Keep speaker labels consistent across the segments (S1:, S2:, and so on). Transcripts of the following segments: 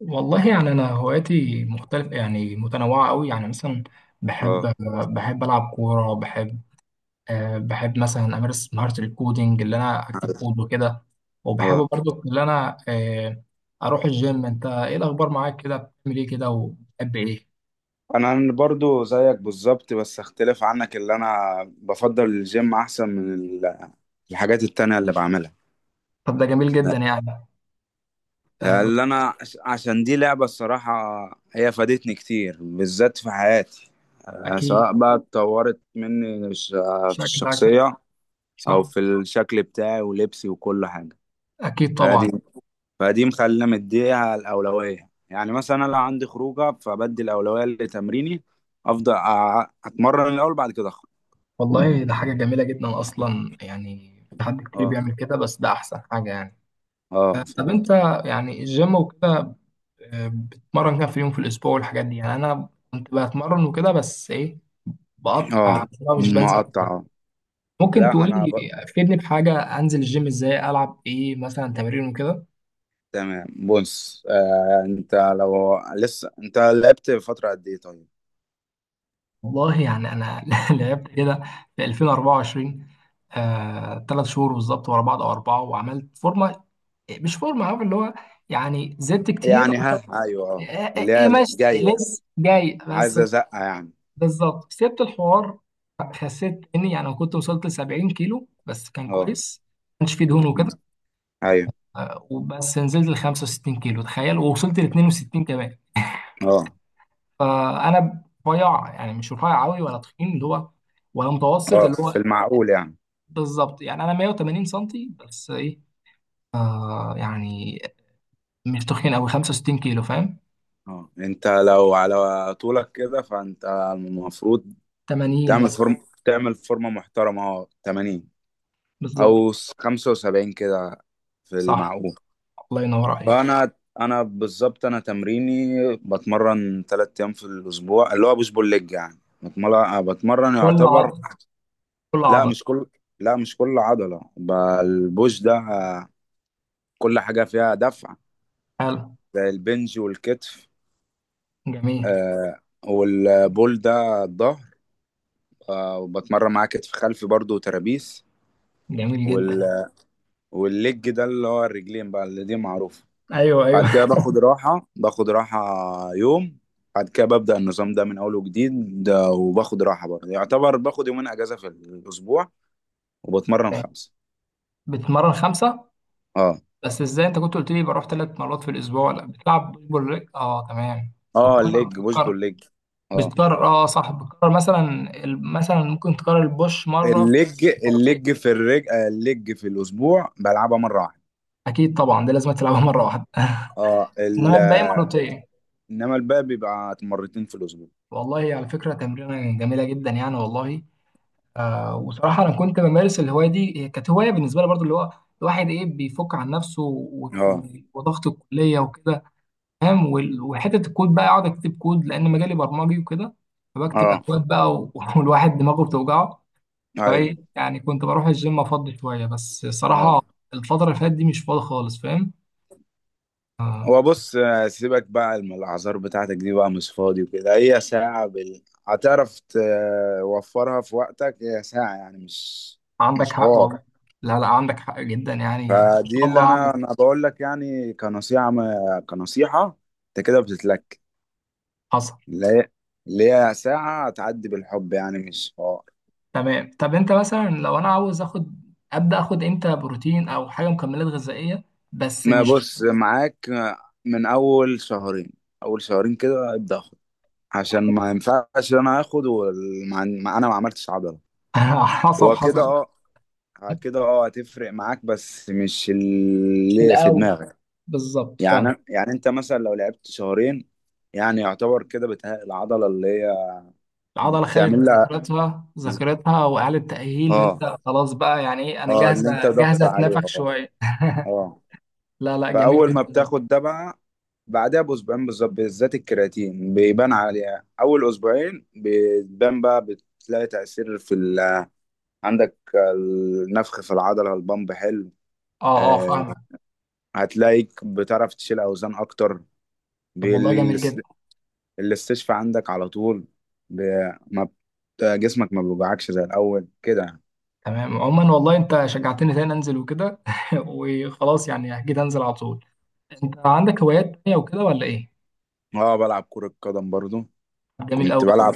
S1: والله يعني انا هواياتي مختلفه، يعني متنوعه قوي، يعني مثلا بحب
S2: اه.
S1: بحب العب كوره. بحب مثلا امارس مهاره الكودينج اللي انا اكتب
S2: عارف.
S1: كود وكده. وبحب
S2: اه،
S1: برضو اللي انا اروح الجيم. انت ايه الاخبار معاك كده؟ بتعمل ايه كده وبتحب ايه؟
S2: انا برضو زيك بالظبط، بس اختلف عنك اللي انا بفضل الجيم احسن من الحاجات التانية اللي بعملها.
S1: طب ده جميل جدا يعني.
S2: لا،
S1: بس
S2: اللي انا عشان دي لعبة الصراحة. هي فادتني كتير، بالذات في حياتي،
S1: اكيد.
S2: سواء بقى اتطورت مني في
S1: شكلك
S2: الشخصية او
S1: صح.
S2: في الشكل بتاعي ولبسي وكل حاجة.
S1: اكيد طبعا.
S2: فدي فدي مخلينا مديها الأولوية، يعني مثلا أنا لو عندي خروجة فبدي الأولوية لتمريني. أفضل أتمرن الأول، بعد كده أخرج.
S1: والله ده حاجه جميله جدا اصلا، يعني في حد كتير
S2: أه،
S1: بيعمل كده، بس ده احسن حاجه يعني.
S2: أه،
S1: طب انت
S2: فهمت.
S1: يعني الجيم وكده، بتمرن كام في اليوم في الاسبوع والحاجات دي؟ يعني انا كنت بتمرن وكده، بس ايه، بقطع
S2: أه،
S1: عشان مش بنزل
S2: مقطع،
S1: كتير.
S2: أه.
S1: ممكن
S2: لا أنا
S1: تقولي، فيدني بحاجه، انزل الجيم ازاي، العب ايه مثلا تمارين وكده.
S2: تمام. بص أنت لو لسه أنت لعبت فترة قد إيه طيب؟
S1: والله يعني انا لعبت كده في 2024، ثلاث شهور بالظبط ورا بعض او اربعه، وعملت فورمه. مش فورمه عارف اللي هو، يعني زدت كتير.
S2: يعني، ها، أيوه، أه،
S1: آه،
S2: اللي هي
S1: ايه ماشي
S2: الجاية يعني،
S1: لسه جاي بس.
S2: عايزة زقة يعني.
S1: بالظبط سبت الحوار، خسيت. اني يعني أنا كنت وصلت ل 70 كيلو، بس كان
S2: أه.
S1: كويس، ما كانش فيه دهون
S2: م.
S1: وكده.
S2: أيوه.
S1: وبس نزلت ل 65 كيلو تخيل، ووصلت ل 62 كمان.
S2: أه.
S1: فانا رفيع، يعني مش رفيع قوي ولا تخين اللي هو، ولا متوسط
S2: أه،
S1: اللي
S2: في
S1: هو.
S2: المعقول يعني.
S1: بالظبط يعني انا 180 سنتي، بس ايه يعني مش تخين قوي 65 كيلو، فاهم؟
S2: اه، انت لو على طولك كده فانت المفروض
S1: 80
S2: تعمل
S1: مثلا.
S2: تعمل فورمة محترمة، اه، 80،
S1: بالظبط
S2: او 75 كده، في
S1: صح،
S2: المعقول.
S1: الله ينور عليك.
S2: فانا بالظبط، انا تمريني بتمرن ثلاث ايام في الاسبوع، اللي هو بوش بول ليج، يعني بتمرن
S1: كل
S2: يعتبر
S1: عضله، كل
S2: لا
S1: عضله.
S2: مش كل لا مش كل عضلة ب- البوش ده كل حاجة فيها دفع،
S1: حلو.
S2: زي البنج والكتف.
S1: جميل.
S2: آه. والبول ده الظهر، آه، وبتمرن معاه كتف خلفي برضو، وترابيس.
S1: جميل جدا.
S2: والليج ده اللي هو الرجلين بقى، اللي دي معروفة.
S1: ايوه ايوه.
S2: بعد كده باخد راحة، باخد راحة يوم. بعد كده ببدأ النظام ده من أول وجديد، ده وباخد راحة برضه، يعتبر باخد يومين أجازة في الأسبوع وبتمرن خمسة.
S1: بتتمرن خمسة؟
S2: اه،
S1: بس ازاي؟ انت كنت قلت لي بروح ثلاث مرات في الاسبوع. لا بتلعب بوش بول ليج، اه تمام.
S2: اه،
S1: بتكرر،
S2: الليج بوش
S1: بتكرر
S2: بول ليج. اه،
S1: بتكرر اه صح. بتكرر مثلا مثلا ممكن تكرر البوش مرة في
S2: الليج
S1: الاسبوع، مرتين.
S2: الليج في الرج آه، الليج في الأسبوع بلعبها مرة واحدة.
S1: اكيد طبعا، دي لازم تلعبها مرة واحدة.
S2: اه
S1: انما
S2: ال...
S1: الباقي
S2: آه،
S1: مرتين.
S2: إنما الباقي بيبقى مرتين في الأسبوع.
S1: والله على فكرة تمرينة جميلة جدا يعني، والله. وصراحة انا كنت بمارس الهواية دي، هي كانت هواية بالنسبة لي برضو، اللي هو الواحد ايه بيفك عن نفسه
S2: اه،
S1: وضغط الكلية وكده، فاهم. وحته الكود بقى، اقعد اكتب كود لان مجالي برمجي وكده، فبكتب
S2: اه،
S1: اكواد بقى والواحد دماغه بتوجعه،
S2: ايوه،
S1: فايه يعني كنت بروح الجيم افضي شويه. بس
S2: اه.
S1: الصراحه الفتره اللي فاتت دي مش فاضي خالص، فاهم. آه،
S2: هو بص، سيبك بقى من الاعذار بتاعتك دي، بقى مش فاضي وكده. هي ساعة هتعرف توفرها في وقتك، هي ساعة يعني، مش
S1: عندك
S2: مش
S1: حق والله.
S2: حوار.
S1: لا لا عندك حق جدا، يعني ان شاء
S2: فدي اللي
S1: الله هعمل.
S2: انا بقول لك يعني، كنصيحة ما... كنصيحة. انت كده بتتلك
S1: حصل.
S2: اللي هي اللي هي ساعة هتعدي بالحب، يعني مش حوار.
S1: تمام، طب انت مثلا لو انا عاوز اخد، ابدا اخد امتى بروتين او حاجه مكملات غذائيه؟ بس
S2: ما
S1: مش
S2: بص معاك، من اول شهرين اول شهرين كده ابدأ اخد، عشان ما ينفعش انا اخد انا ما عملتش عضلة
S1: حصل
S2: وكده.
S1: حصل.
S2: اه. بعد كده اه هتفرق معاك، بس مش
S1: مش في
S2: اللي في
S1: الاول.
S2: دماغك.
S1: بالظبط فاهم.
S2: يعني انت مثلا لو لعبت شهرين، يعني يعتبر كده بتهيأ العضلة اللي هي
S1: العضله خدت
S2: بتعمل لها،
S1: ذاكرتها،
S2: ز-
S1: ذاكرتها واعاده تاهيل،
S2: اه،
S1: وانت خلاص بقى يعني ايه، انا
S2: اه، اللي انت
S1: جاهزه
S2: ضغط
S1: جاهزه
S2: عليها.
S1: اتنفخ
S2: اه،
S1: شويه.
S2: اه.
S1: لا لا جميل
S2: فأول ما
S1: جدا.
S2: بتاخد ده بقى، بعدها بأسبوعين بالظبط، بالذات الكرياتين بيبان عليها. أول أسبوعين بتبان، بقى بتلاقي تأثير عندك، النفخ في العضلة، البامب حلو.
S1: اه اه
S2: آه،
S1: فاهمك.
S2: هتلاقيك بتعرف تشيل أوزان أكتر.
S1: طب والله جميل جدا.
S2: بالاس- الاستشفاء عندك على طول. ب... ما بت- جسمك ما بيوجعكش زي الأول كده يعني.
S1: تمام عموما، والله انت شجعتني تاني انزل وكده وخلاص يعني اكيد انزل على طول. انت عندك هوايات تانية وكده ولا ايه؟
S2: اه، بلعب كرة قدم برضو.
S1: جميل قوي
S2: كنت
S1: قوي.
S2: بلعب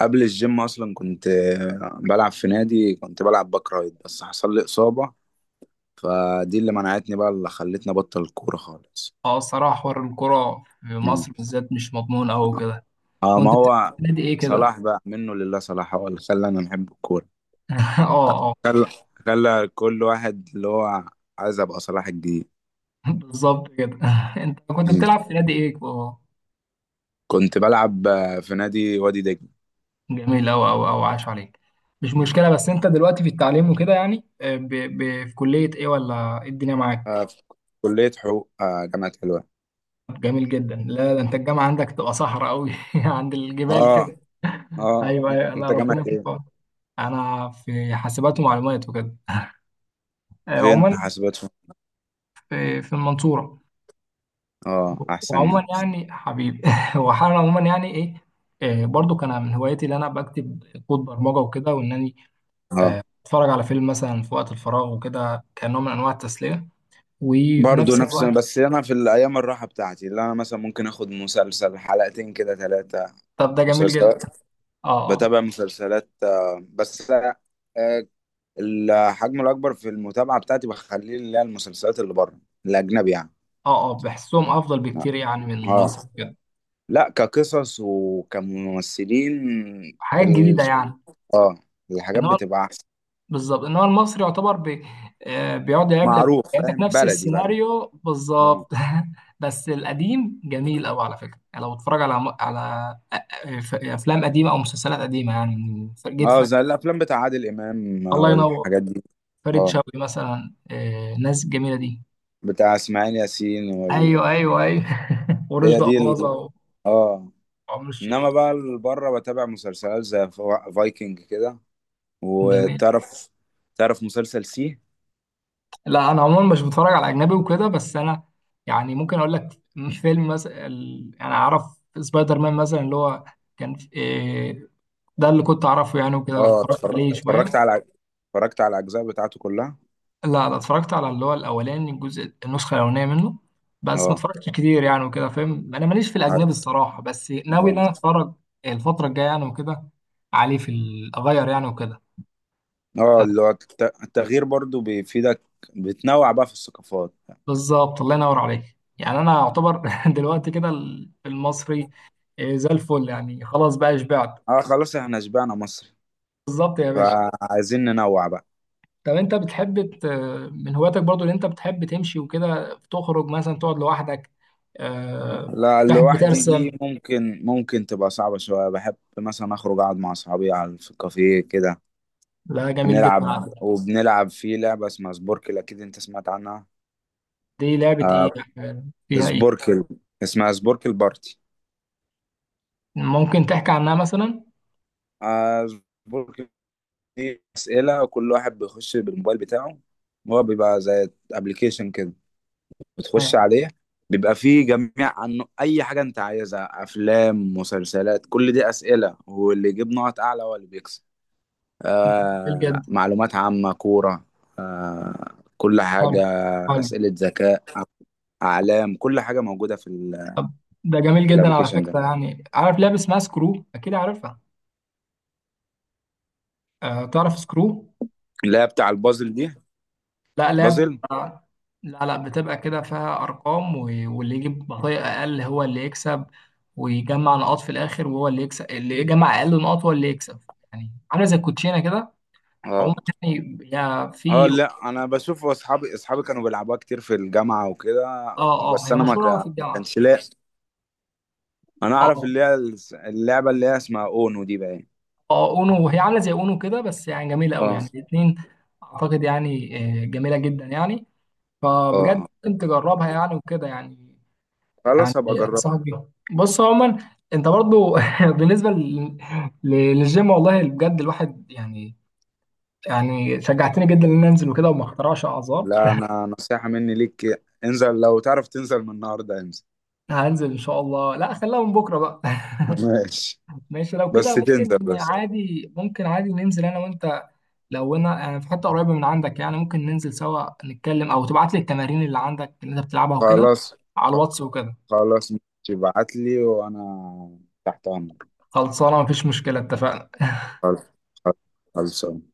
S2: قبل الجيم أصلا، كنت بلعب في نادي، كنت بلعب باك رايت، بس حصل لي إصابة. فدي اللي منعتني بقى، اللي خلتني أبطل الكورة خالص.
S1: اه الصراحه حوار الكوره في
S2: مم.
S1: مصر بالذات مش مضمون قوي كده.
S2: اه، ما
S1: كنت بتلعب
S2: هو
S1: في نادي ايه كده؟
S2: صلاح بقى منه لله. صلاح هو اللي خلاني أنا أحب الكورة.
S1: اه اه.
S2: خلى خلى كل واحد اللي هو عايز أبقى صلاح الجديد.
S1: بالظبط كده. انت كنت بتلعب في نادي ايه آه؟
S2: كنت بلعب، في نادي وادي دجله.
S1: جميل أوي أوي أوي، عاش عليك. مش
S2: مم.
S1: مشكلة. بس أنت دلوقتي في التعليم وكده يعني، في كلية إيه ولا إيه الدنيا معاك؟
S2: في كلية حقوق، جامعة حلوان.
S1: جميل جدا. لا ده أنت الجامعة عندك تبقى صحراء أوي عند الجبال
S2: اه.
S1: كده.
S2: اه.
S1: أيوه أيوه، لا
S2: انت
S1: ربنا
S2: جامعة
S1: يكون في
S2: ايه؟
S1: عونك. أنا في حاسبات ومعلومات وكده،
S2: فين
S1: عموما.
S2: حاسبات فين؟
S1: في المنصورة.
S2: اه، احسن مني.
S1: وعموما يعني حبيبي وحالا عموما يعني إيه، برضو كان من هوايتي اللي انا بكتب كود برمجه وكده، وان انا
S2: اه،
S1: اتفرج على فيلم مثلا في وقت الفراغ وكده، كنوع من انواع التسليه. وفي
S2: برضه
S1: نفس
S2: نفس،
S1: الوقت
S2: بس انا في الايام الراحه بتاعتي اللي انا مثلا ممكن اخد مسلسل، حلقتين كده ثلاثه،
S1: طب ده جميل جدا.
S2: مسلسلات.
S1: اه اه
S2: بتابع مسلسلات، آه، بس آه، الحجم الاكبر في المتابعه بتاعتي بخليه اللي هي المسلسلات اللي بره، الاجنبي يعني.
S1: اه، بحسهم افضل
S2: اه.
S1: بكتير يعني من
S2: آه.
S1: مصر كده.
S2: لا، كقصص وكممثلين،
S1: حاجات
S2: ال-
S1: جديده يعني.
S2: الحاجات
S1: انما
S2: بتبقى احسن.
S1: بالظبط، انما المصري يعتبر بي... آه، بيقعد يلعب لك،
S2: معروف،
S1: يعيدك
S2: فاهم،
S1: نفس
S2: بلدي بلدي.
S1: السيناريو
S2: اه،
S1: بالظبط. بس القديم جميل قوي على فكره، يعني لو بتتفرج على على افلام قديمه او مسلسلات قديمه، يعني جيت
S2: اه، زي الافلام بتاع عادل امام
S1: الله ينور.
S2: والحاجات دي.
S1: فريد
S2: اه،
S1: شوقي مثلا، الناس الجميله دي.
S2: بتاع اسماعيل ياسين
S1: ايوه ايوه ايوه.
S2: هي
S1: ورشدي
S2: دي
S1: اباظه،
S2: اه.
S1: وعمر الشريف.
S2: انما بقى بره بتابع مسلسلات زي فايكنج كده،
S1: جميل.
S2: وتعرف، تعرف مسلسل سي.
S1: لا انا عموما مش بتفرج على اجنبي وكده، بس انا يعني ممكن اقول لك فيلم مثلا، انا اعرف سبايدر مان مثلا اللي هو كان في- إيه، ده اللي كنت اعرفه يعني، وكده
S2: اه،
S1: اتفرجت عليه شويه.
S2: اتفرجت على الاجزاء بتاعته كلها.
S1: لا ده اتفرجت على اللي هو الاولاني، الجزء النسخه الاولانيه منه، بس ما
S2: اه.
S1: اتفرجتش كتير يعني وكده، فاهم. انا ماليش في
S2: عارف.
S1: الاجنبي الصراحه، بس ناوي ان
S2: اه،
S1: انا اتفرج الفتره الجايه يعني وكده، عليه اغير يعني وكده.
S2: اه، اللي هو التغيير برضو بيفيدك، بتنوع بقى في الثقافات.
S1: بالظبط الله ينور عليك. يعني انا اعتبر دلوقتي كده المصري زي الفل، يعني خلاص بقى شبعت.
S2: اه، خلاص، احنا شبعنا مصر،
S1: بالظبط يا باشا.
S2: فعايزين ننوع بقى.
S1: طب انت بتحب من هواياتك برضو اللي انت بتحب تمشي وكده، تخرج مثلا، تقعد لوحدك، آه،
S2: لا،
S1: تحب
S2: لوحدي دي
S1: ترسم.
S2: ممكن تبقى صعبة شوية. بحب مثلا أخرج أقعد مع أصحابي على في الكافيه كده،
S1: لا جميل جدا
S2: نلعب
S1: على فكرة.
S2: وبنلعب في لعبة اسمها سبوركل، أكيد أنت سمعت عنها.
S1: دي لعبة ايه؟
S2: آه،
S1: يعني فيها ايه؟
S2: سبوركل اسمها سبوركل بارتي.
S1: ممكن تحكي عنها مثلا؟
S2: آه سبوركل دي أسئلة، وكل واحد بيخش بالموبايل بتاعه، هو بيبقى زي أبلكيشن كده،
S1: آه،
S2: بتخش عليه، بيبقى فيه جميع، عنه اي حاجه انت عايزها، افلام، مسلسلات، كل دي اسئله، واللي يجيب نقط اعلى هو اللي بيكسب.
S1: جميل
S2: آه،
S1: جدا.
S2: معلومات عامه، كوره، آه، كل
S1: حلو،
S2: حاجه،
S1: حلو.
S2: اسئله ذكاء، اعلام، كل حاجه موجوده
S1: طب ده جميل
S2: في
S1: جدا على
S2: الابليكيشن
S1: فكرة.
S2: ده.
S1: يعني عارف لعبة اسمها سكرو؟ اكيد عارفها. تعرف سكرو.
S2: اللي هي بتاع البازل دي،
S1: لا لا
S2: بازل.
S1: بتبقى، لا لا بتبقى كده فيها ارقام واللي يجيب بطيء اقل هو اللي يكسب، ويجمع نقاط في الاخر وهو اللي يكسب، اللي يجمع اقل نقاط هو اللي يكسب. يعني عامله زي الكوتشينه كده.
S2: اه،
S1: عموما يعني هي
S2: اه.
S1: في،
S2: لا، انا بشوف اصحابي كانوا بيلعبوها كتير في الجامعه وكده،
S1: اه اه
S2: بس
S1: هي
S2: انا
S1: مشهوره قوي في
S2: ما
S1: الجامعه.
S2: كانش لاقي. انا
S1: اه
S2: اعرف
S1: اه،
S2: اللي هي اللعبه اللي هي اسمها اونو دي بقى.
S1: اونو، وهي عامله زي اونو كده، بس يعني جميله قوي
S2: اه،
S1: يعني الاثنين اعتقد يعني، جميله جدا يعني، فبجد
S2: اه،
S1: ممكن تجربها يعني وكده يعني. يعني
S2: خلاص هبقى اجربها.
S1: انصحك بيها. بص عموما، انت برضو بالنسبه لل- للجيم والله بجد، الواحد يعني، يعني شجعتني جدا ان أنا انزل وكده وما اخترعش اعذار.
S2: لا، انا نصيحة مني ليك، انزل. لو تعرف تنزل من النهارده انزل.
S1: هنزل ان شاء الله، لا خليها من بكره بقى.
S2: ماشي،
S1: ماشي لو
S2: بس
S1: كده،
S2: تنزل
S1: ممكن
S2: بس.
S1: عادي ممكن عادي ننزل انا وانت. لو انا يعني في حته قريبه من عندك، يعني ممكن ننزل سوا نتكلم، او تبعت لي التمارين اللي عندك اللي انت بتلعبها وكده
S2: خلاص،
S1: على الواتس
S2: خ-
S1: وكده.
S2: خلاص، ماشي. ابعت لي وانا تحت امرك.
S1: خلصانه، مفيش مشكله، اتفقنا.
S2: خلاص. خلاص. خلاص.